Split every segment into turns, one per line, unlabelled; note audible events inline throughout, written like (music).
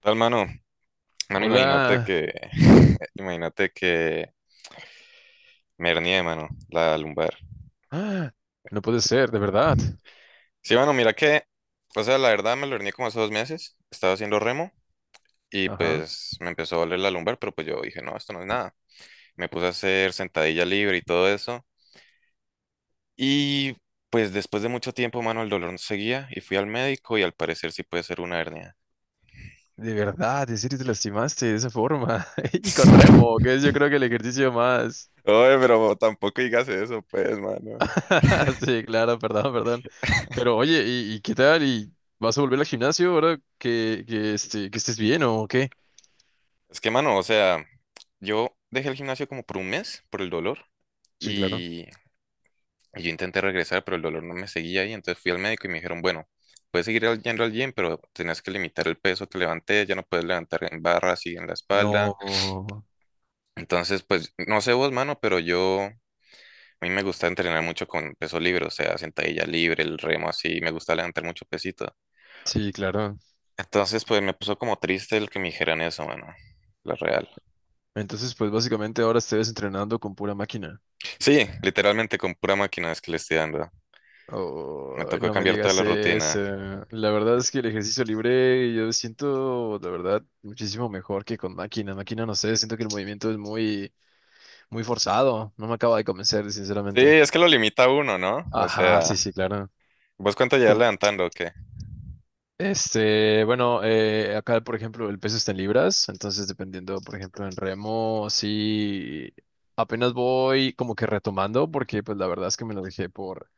Tal mano, mano, imagínate
Hola.
que, (laughs) imagínate que me hernié, mano, la lumbar.
Ah, no puede ser, de verdad.
Sí, mano, mira que, o sea, la verdad me lo hernié como hace 2 meses, estaba haciendo remo y
Ajá.
pues me empezó a doler la lumbar, pero pues yo dije, no, esto no es nada. Me puse a hacer sentadilla libre y todo eso. Y pues después de mucho tiempo, mano, el dolor no seguía y fui al médico y al parecer sí puede ser una hernia.
De verdad, en serio te lastimaste de esa forma. (laughs) Y con remo,
(laughs)
que es yo creo que el ejercicio más.
Oye, pero tampoco digas eso, pues, mano.
(laughs) Sí, claro, perdón, perdón. Pero oye, ¿y qué tal? ¿Y vas a volver al gimnasio ahora que estés bien o qué?
Es que, mano, o sea, yo dejé el gimnasio como por un mes por el dolor
Sí, claro.
y, y yo intenté regresar, pero el dolor no me seguía ahí. Entonces fui al médico y me dijeron, bueno, puedes seguir yendo al gym, pero tenías que limitar el peso que levanté, ya no puedes levantar en barras y en la espalda.
No.
Entonces, pues, no sé vos, mano, pero yo, a mí me gusta entrenar mucho con peso libre, o sea, sentadilla libre, el remo así, me gusta levantar mucho pesito.
Sí, claro.
Entonces, pues, me puso como triste el que me dijeran eso, mano, la real.
Entonces, pues básicamente ahora estés entrenando con pura máquina.
Sí, literalmente con pura máquina es que le estoy dando. Me
Oh,
tocó
no me
cambiar toda
digas
la
eso.
rutina.
La verdad es que el ejercicio libre yo siento, la verdad, muchísimo mejor que con máquina. Máquina, no sé, siento que el movimiento es muy forzado. No me acaba de convencer,
Sí,
sinceramente.
es que lo limita a uno, ¿no? O
Ajá, sí,
sea,
sí, claro.
¿vos cuánto llevas
Com-
levantando o qué?
Este, bueno, acá, por ejemplo, el peso está en libras, entonces dependiendo, por ejemplo, en remo, sí, apenas voy como que retomando, porque pues la verdad es que me lo dejé por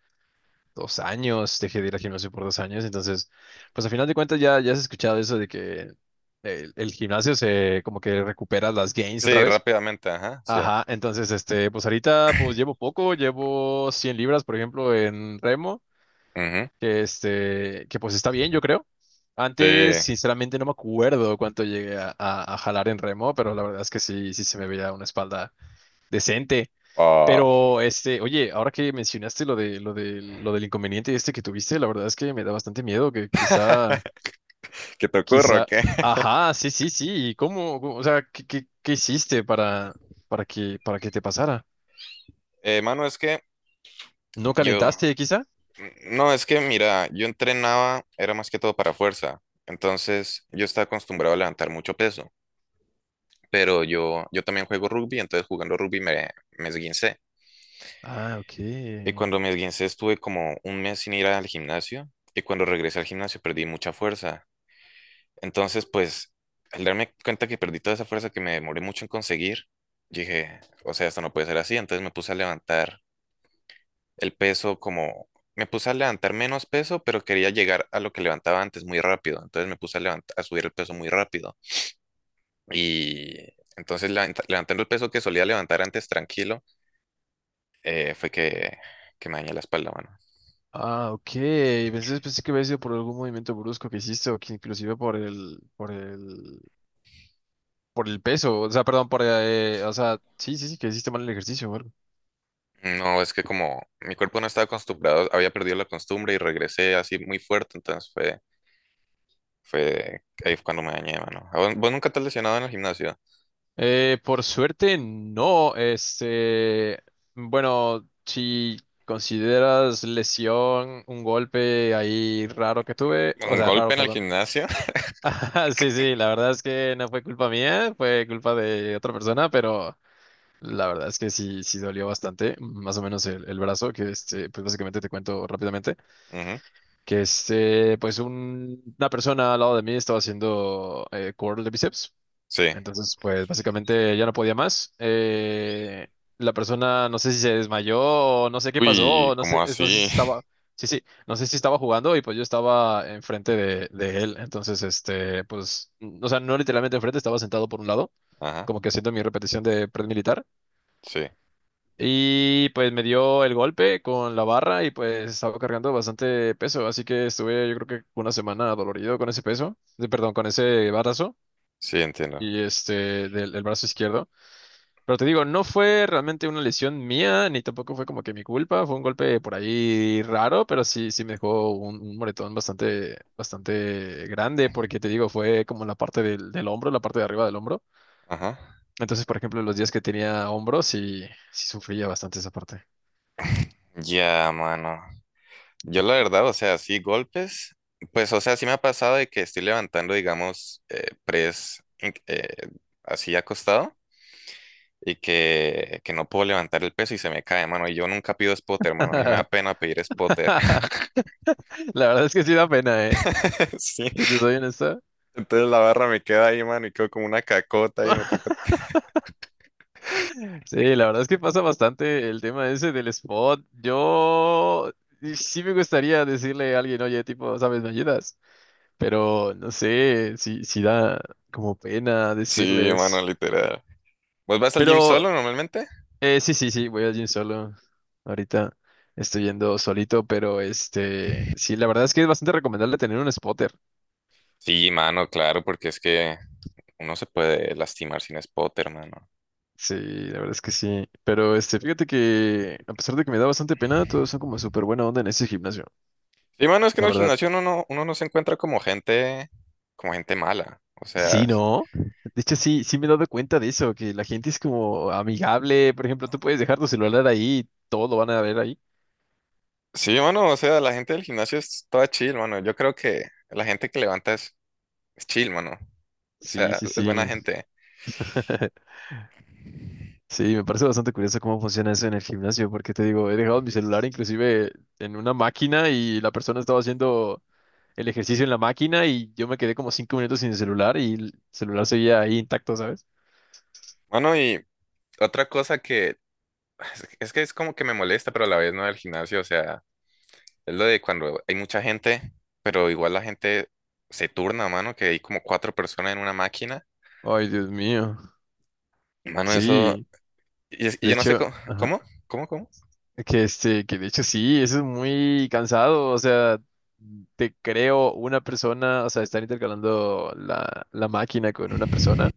2 años, dejé de ir al gimnasio por 2 años, entonces, pues al final de cuentas ya, ya has escuchado eso de que el gimnasio se como que recupera las gains otra
Sí,
vez.
rápidamente, ajá, sí.
Ajá, entonces, este, pues ahorita pues llevo poco, llevo 100 libras, por ejemplo, en remo,
Ujú.
que este, que pues está bien, yo creo. Antes,
Sí.
sinceramente, no me acuerdo cuánto llegué a jalar en remo, pero la verdad es que sí, sí se me veía una espalda decente.
Oh,
Pero, este, oye, ahora que mencionaste lo del inconveniente este que tuviste, la verdad es que me da bastante miedo que quizá,
¿qué te ocurre o
quizá,
qué? (laughs)
ajá, sí, sí, sí, ¿y cómo, o sea, qué hiciste para que te pasara?
Mano, es que
¿No
yo,
calentaste, quizá?
no, es que mira, yo entrenaba, era más que todo para fuerza. Entonces, yo estaba acostumbrado a levantar mucho peso. Pero yo, también juego rugby, entonces jugando rugby me esguincé.
Ah, ok.
Y cuando me esguincé estuve como un mes sin ir al gimnasio. Y cuando regresé al gimnasio perdí mucha fuerza. Entonces, pues, al darme cuenta que perdí toda esa fuerza que me demoré mucho en conseguir, dije, o sea, esto no puede ser así. Entonces me puse a levantar el peso como, me puse a levantar menos peso, pero quería llegar a lo que levantaba antes muy rápido. Entonces me puse a a subir el peso muy rápido. Y entonces levantando el peso que solía levantar antes tranquilo, fue que me dañé la espalda, mano.
Ah, ok. Pensé que había sido por algún movimiento brusco que hiciste o que inclusive por el peso, o sea, perdón, o sea, sí, sí, sí, que hiciste mal el ejercicio, o algo.
No, es que como mi cuerpo no estaba acostumbrado, había perdido la costumbre y regresé así muy fuerte, entonces fue ahí fue cuando me dañé, mano. ¿A ¿Vos, nunca te has lesionado en el gimnasio?
Por suerte, no. Este, bueno, si consideras lesión, un golpe ahí raro que tuve, o
¿Un
sea, raro,
golpe en el
perdón.
gimnasio? (laughs)
(laughs) Ajá, sí, sí, la verdad es que no fue culpa mía, fue culpa de otra persona, pero la verdad es que sí, sí dolió bastante, más o menos el brazo, que este, pues básicamente te cuento rápidamente,
Ujú.
que este, pues una persona al lado de mí estaba haciendo curl de bíceps.
Sí.
Entonces, pues básicamente ya no podía más. La persona no sé si se desmayó, o no sé qué pasó,
Uy,
o no sé,
como
no sé si
así? (laughs)
estaba, sí, sí, no sé si estaba jugando y pues yo estaba enfrente de él. Entonces, este, pues, o sea, no literalmente enfrente, estaba sentado por un lado,
Ajá.
como que haciendo mi repetición de pred militar.
Sí.
Y pues me dio el golpe con la barra y pues estaba cargando bastante peso, así que estuve yo creo que una semana dolorido con ese peso, perdón, con ese barazo
Sí, entiendo.
y este del brazo izquierdo. Pero te digo, no fue realmente una lesión mía, ni tampoco fue como que mi culpa, fue un golpe por ahí raro, pero sí, sí me dejó un moretón bastante grande, porque te digo, fue como en la parte del hombro, la parte de arriba del hombro.
Ajá.
Entonces, por ejemplo, los días que tenía hombros sí, sí sufría bastante esa parte.
Ya, mano. Yo la verdad, o sea, sí, golpes. Pues, o sea, sí me ha pasado de que estoy levantando, digamos, así acostado y que no puedo levantar el peso y se me cae, mano. Y yo nunca pido spotter, mano. A mí me da
(laughs)
pena pedir spotter.
La verdad es que sí da pena, ¿eh?
(laughs) Sí.
Si te soy honesto.
Entonces la barra me queda ahí, mano, y quedo como una cacota y me toca.
Sí, la verdad es que pasa bastante el tema ese del spot. Yo y sí me gustaría decirle a alguien, oye, tipo, ¿sabes? ¿Me ayudas? Pero no sé si da como pena
Sí, mano,
decirles.
literal. ¿Vos vas al gym
Pero
solo normalmente?
sí, sí, sí, voy al gym solo. Ahorita estoy yendo solito, pero este, sí, la verdad es que es bastante recomendable tener un spotter.
Sí, mano, claro, porque es que uno se puede lastimar sin spotter, mano.
Sí, la verdad es que sí. Pero este, fíjate que a pesar de que me da bastante pena, todos son como súper buena onda en ese gimnasio.
Sí, mano, es que en
La
el
verdad.
gimnasio uno no se encuentra como gente mala.
Sí, ¿no? De hecho, sí, sí me he dado cuenta de eso, que la gente es como amigable. Por ejemplo, tú puedes dejar tu celular ahí, todo lo van a ver ahí.
Sí, mano, o sea, la gente del gimnasio es toda chill, mano. Yo creo que la gente que levanta es chill, mano. O
Sí,
sea,
sí,
es buena
sí.
gente.
(laughs) Sí, me parece bastante curioso cómo funciona eso en el gimnasio, porque te digo, he dejado mi celular inclusive en una máquina y la persona estaba haciendo el ejercicio en la máquina y yo me quedé como 5 minutos sin el celular y el celular seguía ahí intacto, ¿sabes?
Mano, y otra cosa que es que es como que me molesta, pero a la vez no del gimnasio, o sea. Es lo de cuando hay mucha gente, pero igual la gente se turna, mano, que hay como cuatro personas en una máquina.
Ay, Dios mío.
Mano, eso.
Sí,
Y, y
de
yo no sé
hecho,
cómo.
ajá,
¿Cómo? ¿Cómo? ¿Cómo?
que este, que de hecho sí, eso es muy cansado, o sea, te creo una persona, o sea, estar intercalando la máquina con una persona.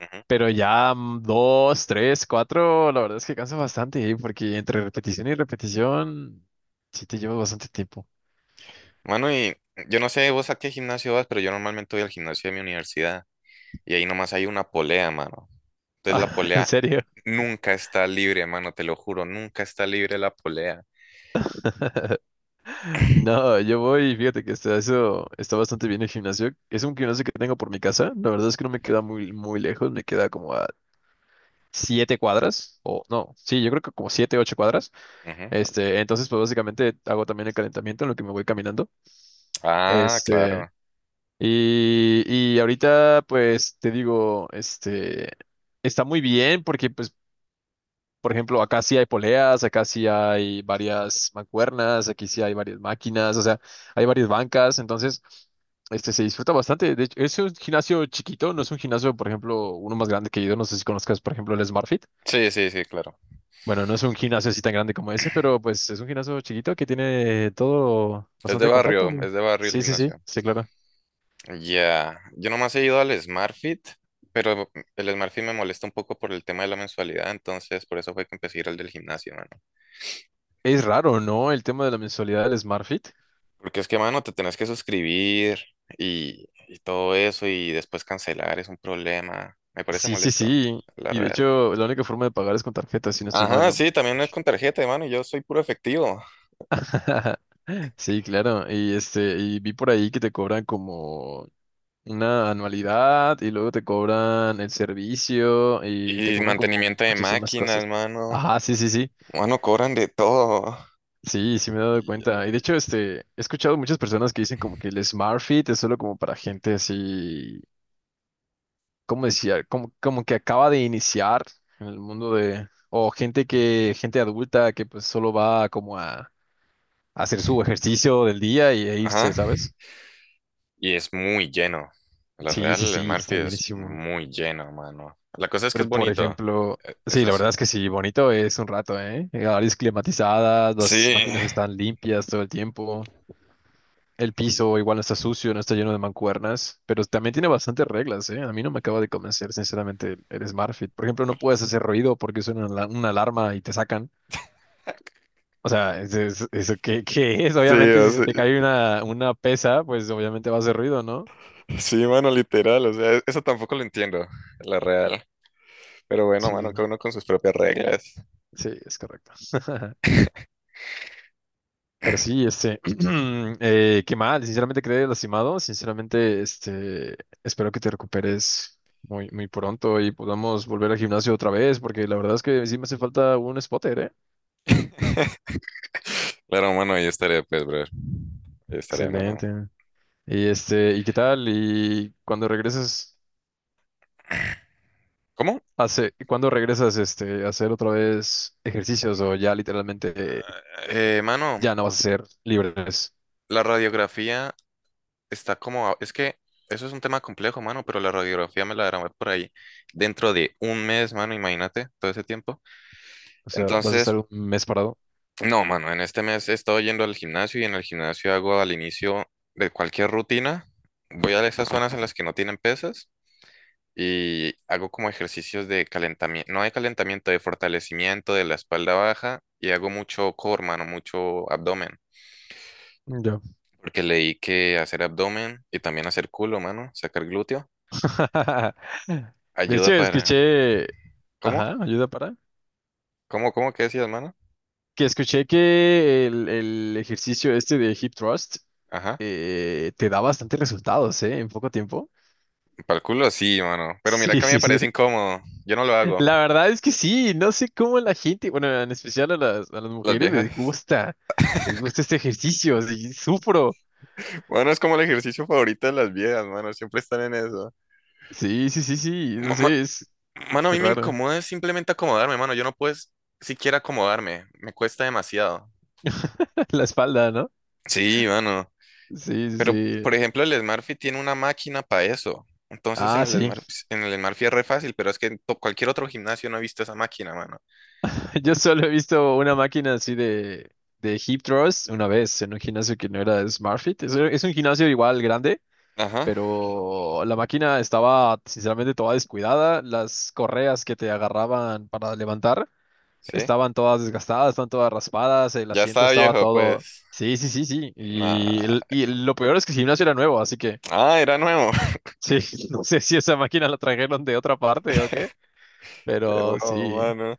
Ujú.
Pero ya dos, tres, cuatro, la verdad es que cansa bastante, ¿eh? Porque entre repetición y repetición, sí te llevas bastante tiempo. (laughs)
Mano, y yo no sé vos a qué gimnasio vas, pero yo normalmente voy al gimnasio de mi universidad y ahí nomás hay una polea, mano. Entonces la
Ah, ¿en
polea
serio?
nunca está libre, mano, te lo juro, nunca está libre la polea.
(laughs) No, yo voy, fíjate que está, eso está bastante bien el gimnasio. Es un gimnasio que tengo por mi casa. La verdad es que no me queda muy lejos, me queda como a 7 cuadras, o no, sí, yo creo que como 7, 8 cuadras.
Ujú.
Este, entonces, pues básicamente hago también el calentamiento en lo que me voy caminando.
Ah,
Este,
claro.
Y, y ahorita, pues, te digo, este, está muy bien porque, pues, por ejemplo, acá sí hay poleas, acá sí hay varias mancuernas, aquí sí hay varias máquinas, o sea, hay varias bancas, entonces, este, se disfruta bastante. De hecho, es un gimnasio chiquito, no es un gimnasio, por ejemplo, uno más grande que yo, no sé si conozcas, por ejemplo, el SmartFit.
Sí, sí, sí, claro.
Bueno, no es un gimnasio así tan grande como ese, pero, pues, es un gimnasio chiquito que tiene todo bastante compacto.
Es de barrio el
Sí, sí, sí,
gimnasio.
sí, claro.
Ya, yo nomás he ido al SmartFit, pero el SmartFit me molesta un poco por el tema de la mensualidad, entonces por eso fue que empecé a ir al del gimnasio, mano.
Es raro, ¿no? El tema de la mensualidad del SmartFit.
Porque es que, mano, te tenés que suscribir y todo eso y después cancelar es un problema. Me parece
Sí, sí,
molesto,
sí.
la
Y de
real.
hecho, la única forma de pagar es con tarjeta, si no estoy mal,
Ajá,
¿no?
sí, también es con tarjeta, mano, y yo soy puro efectivo.
(laughs) Sí, claro. Y este, y vi por ahí que te cobran como una anualidad y luego te cobran el servicio y te
Y
cobran como
mantenimiento de
muchísimas
máquinas,
cosas.
mano.
Ajá, sí, sí, sí.
Mano, cobran de todo.
Sí, sí me he dado
Y,
cuenta. Y de hecho, este, he escuchado muchas personas que dicen como que el Smart Fit es solo como para gente así como decía, como, como que acaba de iniciar en el mundo de, o gente que, gente adulta que pues solo va como a hacer su ejercicio del día y a irse,
ajá.
¿sabes?
Y es muy lleno. La
Sí, sí,
Real, el
sí,
Smurfy
está
es
llenísimo.
muy lleno, mano. La cosa es que
Pero
es
por
bonito.
ejemplo,
E-
sí,
Eso
la
sí.
verdad es que sí, bonito es un rato, ¿eh? Áreas climatizadas,
Sí,
las máquinas están limpias todo el tiempo. El piso igual no está sucio, no está lleno de mancuernas, pero también tiene bastantes reglas, ¿eh? A mí no me acaba de convencer, sinceramente, el Smart Fit. Por ejemplo, no puedes hacer ruido porque suena una alarma y te sacan.
(laughs)
O sea, ¿eso qué, qué es?
sí,
Obviamente,
o
si se
sea,
te cae una pesa, pues obviamente va a hacer ruido, ¿no?
sí, mano, literal. O sea, eso tampoco lo entiendo, la Real. Pero bueno, mano, cada
Sí,
uno con sus propias reglas. (laughs)
sí, es correcto. (laughs) Pero sí, este, (clears throat) qué mal, sinceramente quedé lastimado, sinceramente, este, espero que te recuperes muy pronto y podamos volver al gimnasio otra vez, porque la verdad es que sí me hace falta un spotter, ¿eh?
Claro, mano, ahí estaré, pues, brother. Ahí estaré, mano.
Excelente. Y este, ¿y qué tal? ¿Y cuando regresas,
¿Cómo?
hace, cuando regresas, este, a hacer otra vez ejercicios o ya literalmente
Ah, eh, mano,
ya no vas a ser libres.
la radiografía está como... Es que eso es un tema complejo, mano, pero la radiografía me la darán por ahí dentro de un mes, mano, imagínate, todo ese tiempo.
O sea, vas a estar
Entonces,
un mes parado.
no, mano, en este mes he estado yendo al gimnasio y en el gimnasio hago al inicio de cualquier rutina, voy a esas zonas en las que no tienen pesas y hago como ejercicios de calentamiento, no de calentamiento, de fortalecimiento de la espalda baja y hago mucho core, mano, mucho abdomen,
Ya.
porque leí que hacer abdomen y también hacer culo, mano, sacar glúteo,
(laughs) De
ayuda
hecho,
para...
escuché,
¿Cómo?
ajá, ayuda para,
¿Cómo? ¿Cómo? ¿Qué decías, mano?
que escuché que el ejercicio este de hip thrust
Ajá.
te da bastantes resultados, ¿eh? En poco tiempo.
Para el culo sí, mano, pero mira
Sí, (laughs)
que a mí me
sí, sí.
parece incómodo, yo no lo hago.
La verdad es que sí, no sé cómo la gente, bueno, en especial a las
Las
mujeres
viejas.
les gusta este ejercicio, sí, sufro.
Bueno, es como el ejercicio favorito de las viejas, mano. Siempre están en eso.
Sí, sí, sí, sí, no
Ma- ma-
sé, es
Mano, a mí me
raro.
incomoda simplemente acomodarme, mano. Yo no puedo siquiera acomodarme. Me cuesta demasiado.
(laughs) La espalda, no.
Sí, mano.
Sí, sí,
Pero,
sí.
por ejemplo, el Smartfit tiene una máquina para eso. Entonces,
Ah, sí.
En el Smartfit es re fácil, pero es que en cualquier otro gimnasio no he visto esa máquina, mano.
(laughs) Yo solo he visto una máquina así de hip thrust una vez en un gimnasio que no era de SmartFit. Es un gimnasio igual grande,
Ajá,
pero la máquina estaba sinceramente toda descuidada. Las correas que te agarraban para levantar
sí.
estaban todas desgastadas, estaban todas raspadas, el
Ya
asiento
estaba
estaba
viejo,
todo...
pues.
Sí, sí, sí, sí. Y,
Nah.
y lo peor es que el gimnasio era nuevo, así que
Ah, era nuevo. (laughs)
sí, (laughs) no sé si esa máquina la trajeron de otra parte o qué,
Qué
pero
robo,
sí.
mano.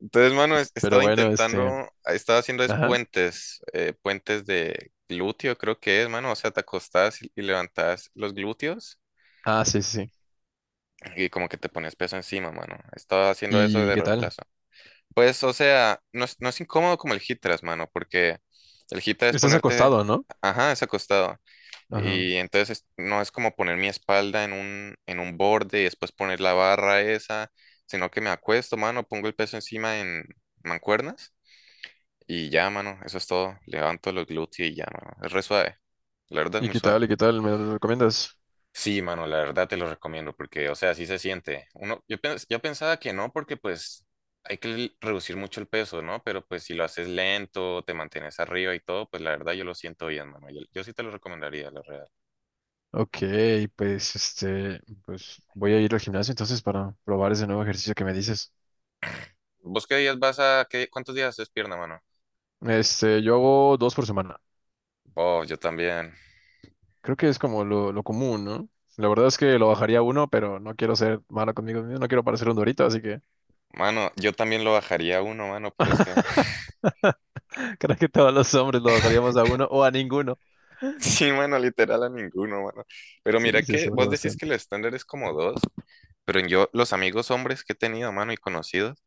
Entonces, mano, he
Pero
estado
bueno, este.
intentando, he estado haciendo es
Ajá.
puentes, puentes de glúteo, creo que es, mano. O sea, te acostás y levantás los glúteos
Ah, sí, sí, sí.
y como que te pones peso encima, mano. He estado haciendo eso
¿Y
de
qué tal?
reemplazo. Pues, o sea, no es incómodo como el hip thrust, mano, porque el hip thrust es
Estás
ponerte,
acostado, ¿no?
ajá, es acostado.
Ajá.
Y no es como poner mi espalda en un borde y después poner la barra esa, sino que me acuesto, mano, pongo el peso encima en mancuernas. Y ya, mano, eso es todo. Levanto los glúteos y ya, mano. Es re suave. La verdad es
¿Y
muy
qué
suave.
tal? ¿Y qué tal? ¿Me lo recomiendas?
Sí, mano, la verdad te lo recomiendo porque, o sea, sí se siente. Uno, yo pensaba que no porque pues hay que reducir mucho el peso, ¿no? Pero pues si lo haces lento, te mantienes arriba y todo, pues la verdad yo lo siento bien, mano. Yo sí te lo recomendaría, la verdad.
Ok, pues este, pues voy a ir al gimnasio entonces para probar ese nuevo ejercicio que me dices.
¿Vos qué días cuántos días haces pierna, mano?
Este, yo hago 2 por semana.
Oh, yo también.
Creo que es como lo común, ¿no? La verdad es que lo bajaría a uno, pero no quiero ser malo conmigo mismo, no quiero parecer un dorito, así que
Mano, yo también lo bajaría a uno, mano, pero es que
(laughs) creo que todos los hombres lo bajaríamos a uno o a ninguno.
sí, mano, literal a ninguno, mano. Pero
Sí,
mira
se
que
sobra
vos decís que
bastante.
el estándar es como dos, pero yo, los amigos hombres que he tenido, mano, y conocidos,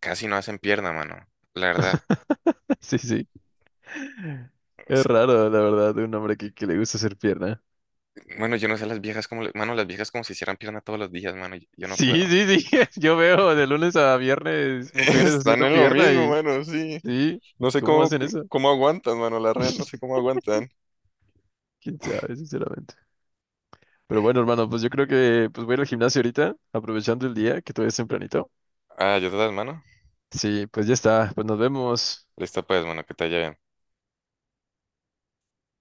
casi no hacen pierna, mano. La verdad,
(laughs) Sí, sí. Es
es que-
raro, la verdad, de un hombre que le gusta hacer pierna.
bueno, yo no sé las viejas mano, las viejas como si hicieran pierna todos los días, mano, yo no puedo.
Sí, sí, sí. (laughs) Yo veo de lunes a
(laughs)
viernes mujeres
Están
haciendo
en lo
pierna
mismo,
y
mano, sí.
sí,
No sé
¿cómo hacen eso?
cómo aguantan, mano, la real, no sé cómo aguantan.
Quién sabe, sinceramente. Pero bueno, hermano, pues yo creo que pues voy a ir al gimnasio ahorita, aprovechando el día, que todavía es tempranito.
Ah, yo te das, mano.
Sí, pues ya está, pues nos vemos.
Listo, pues, mano, que te haya bien.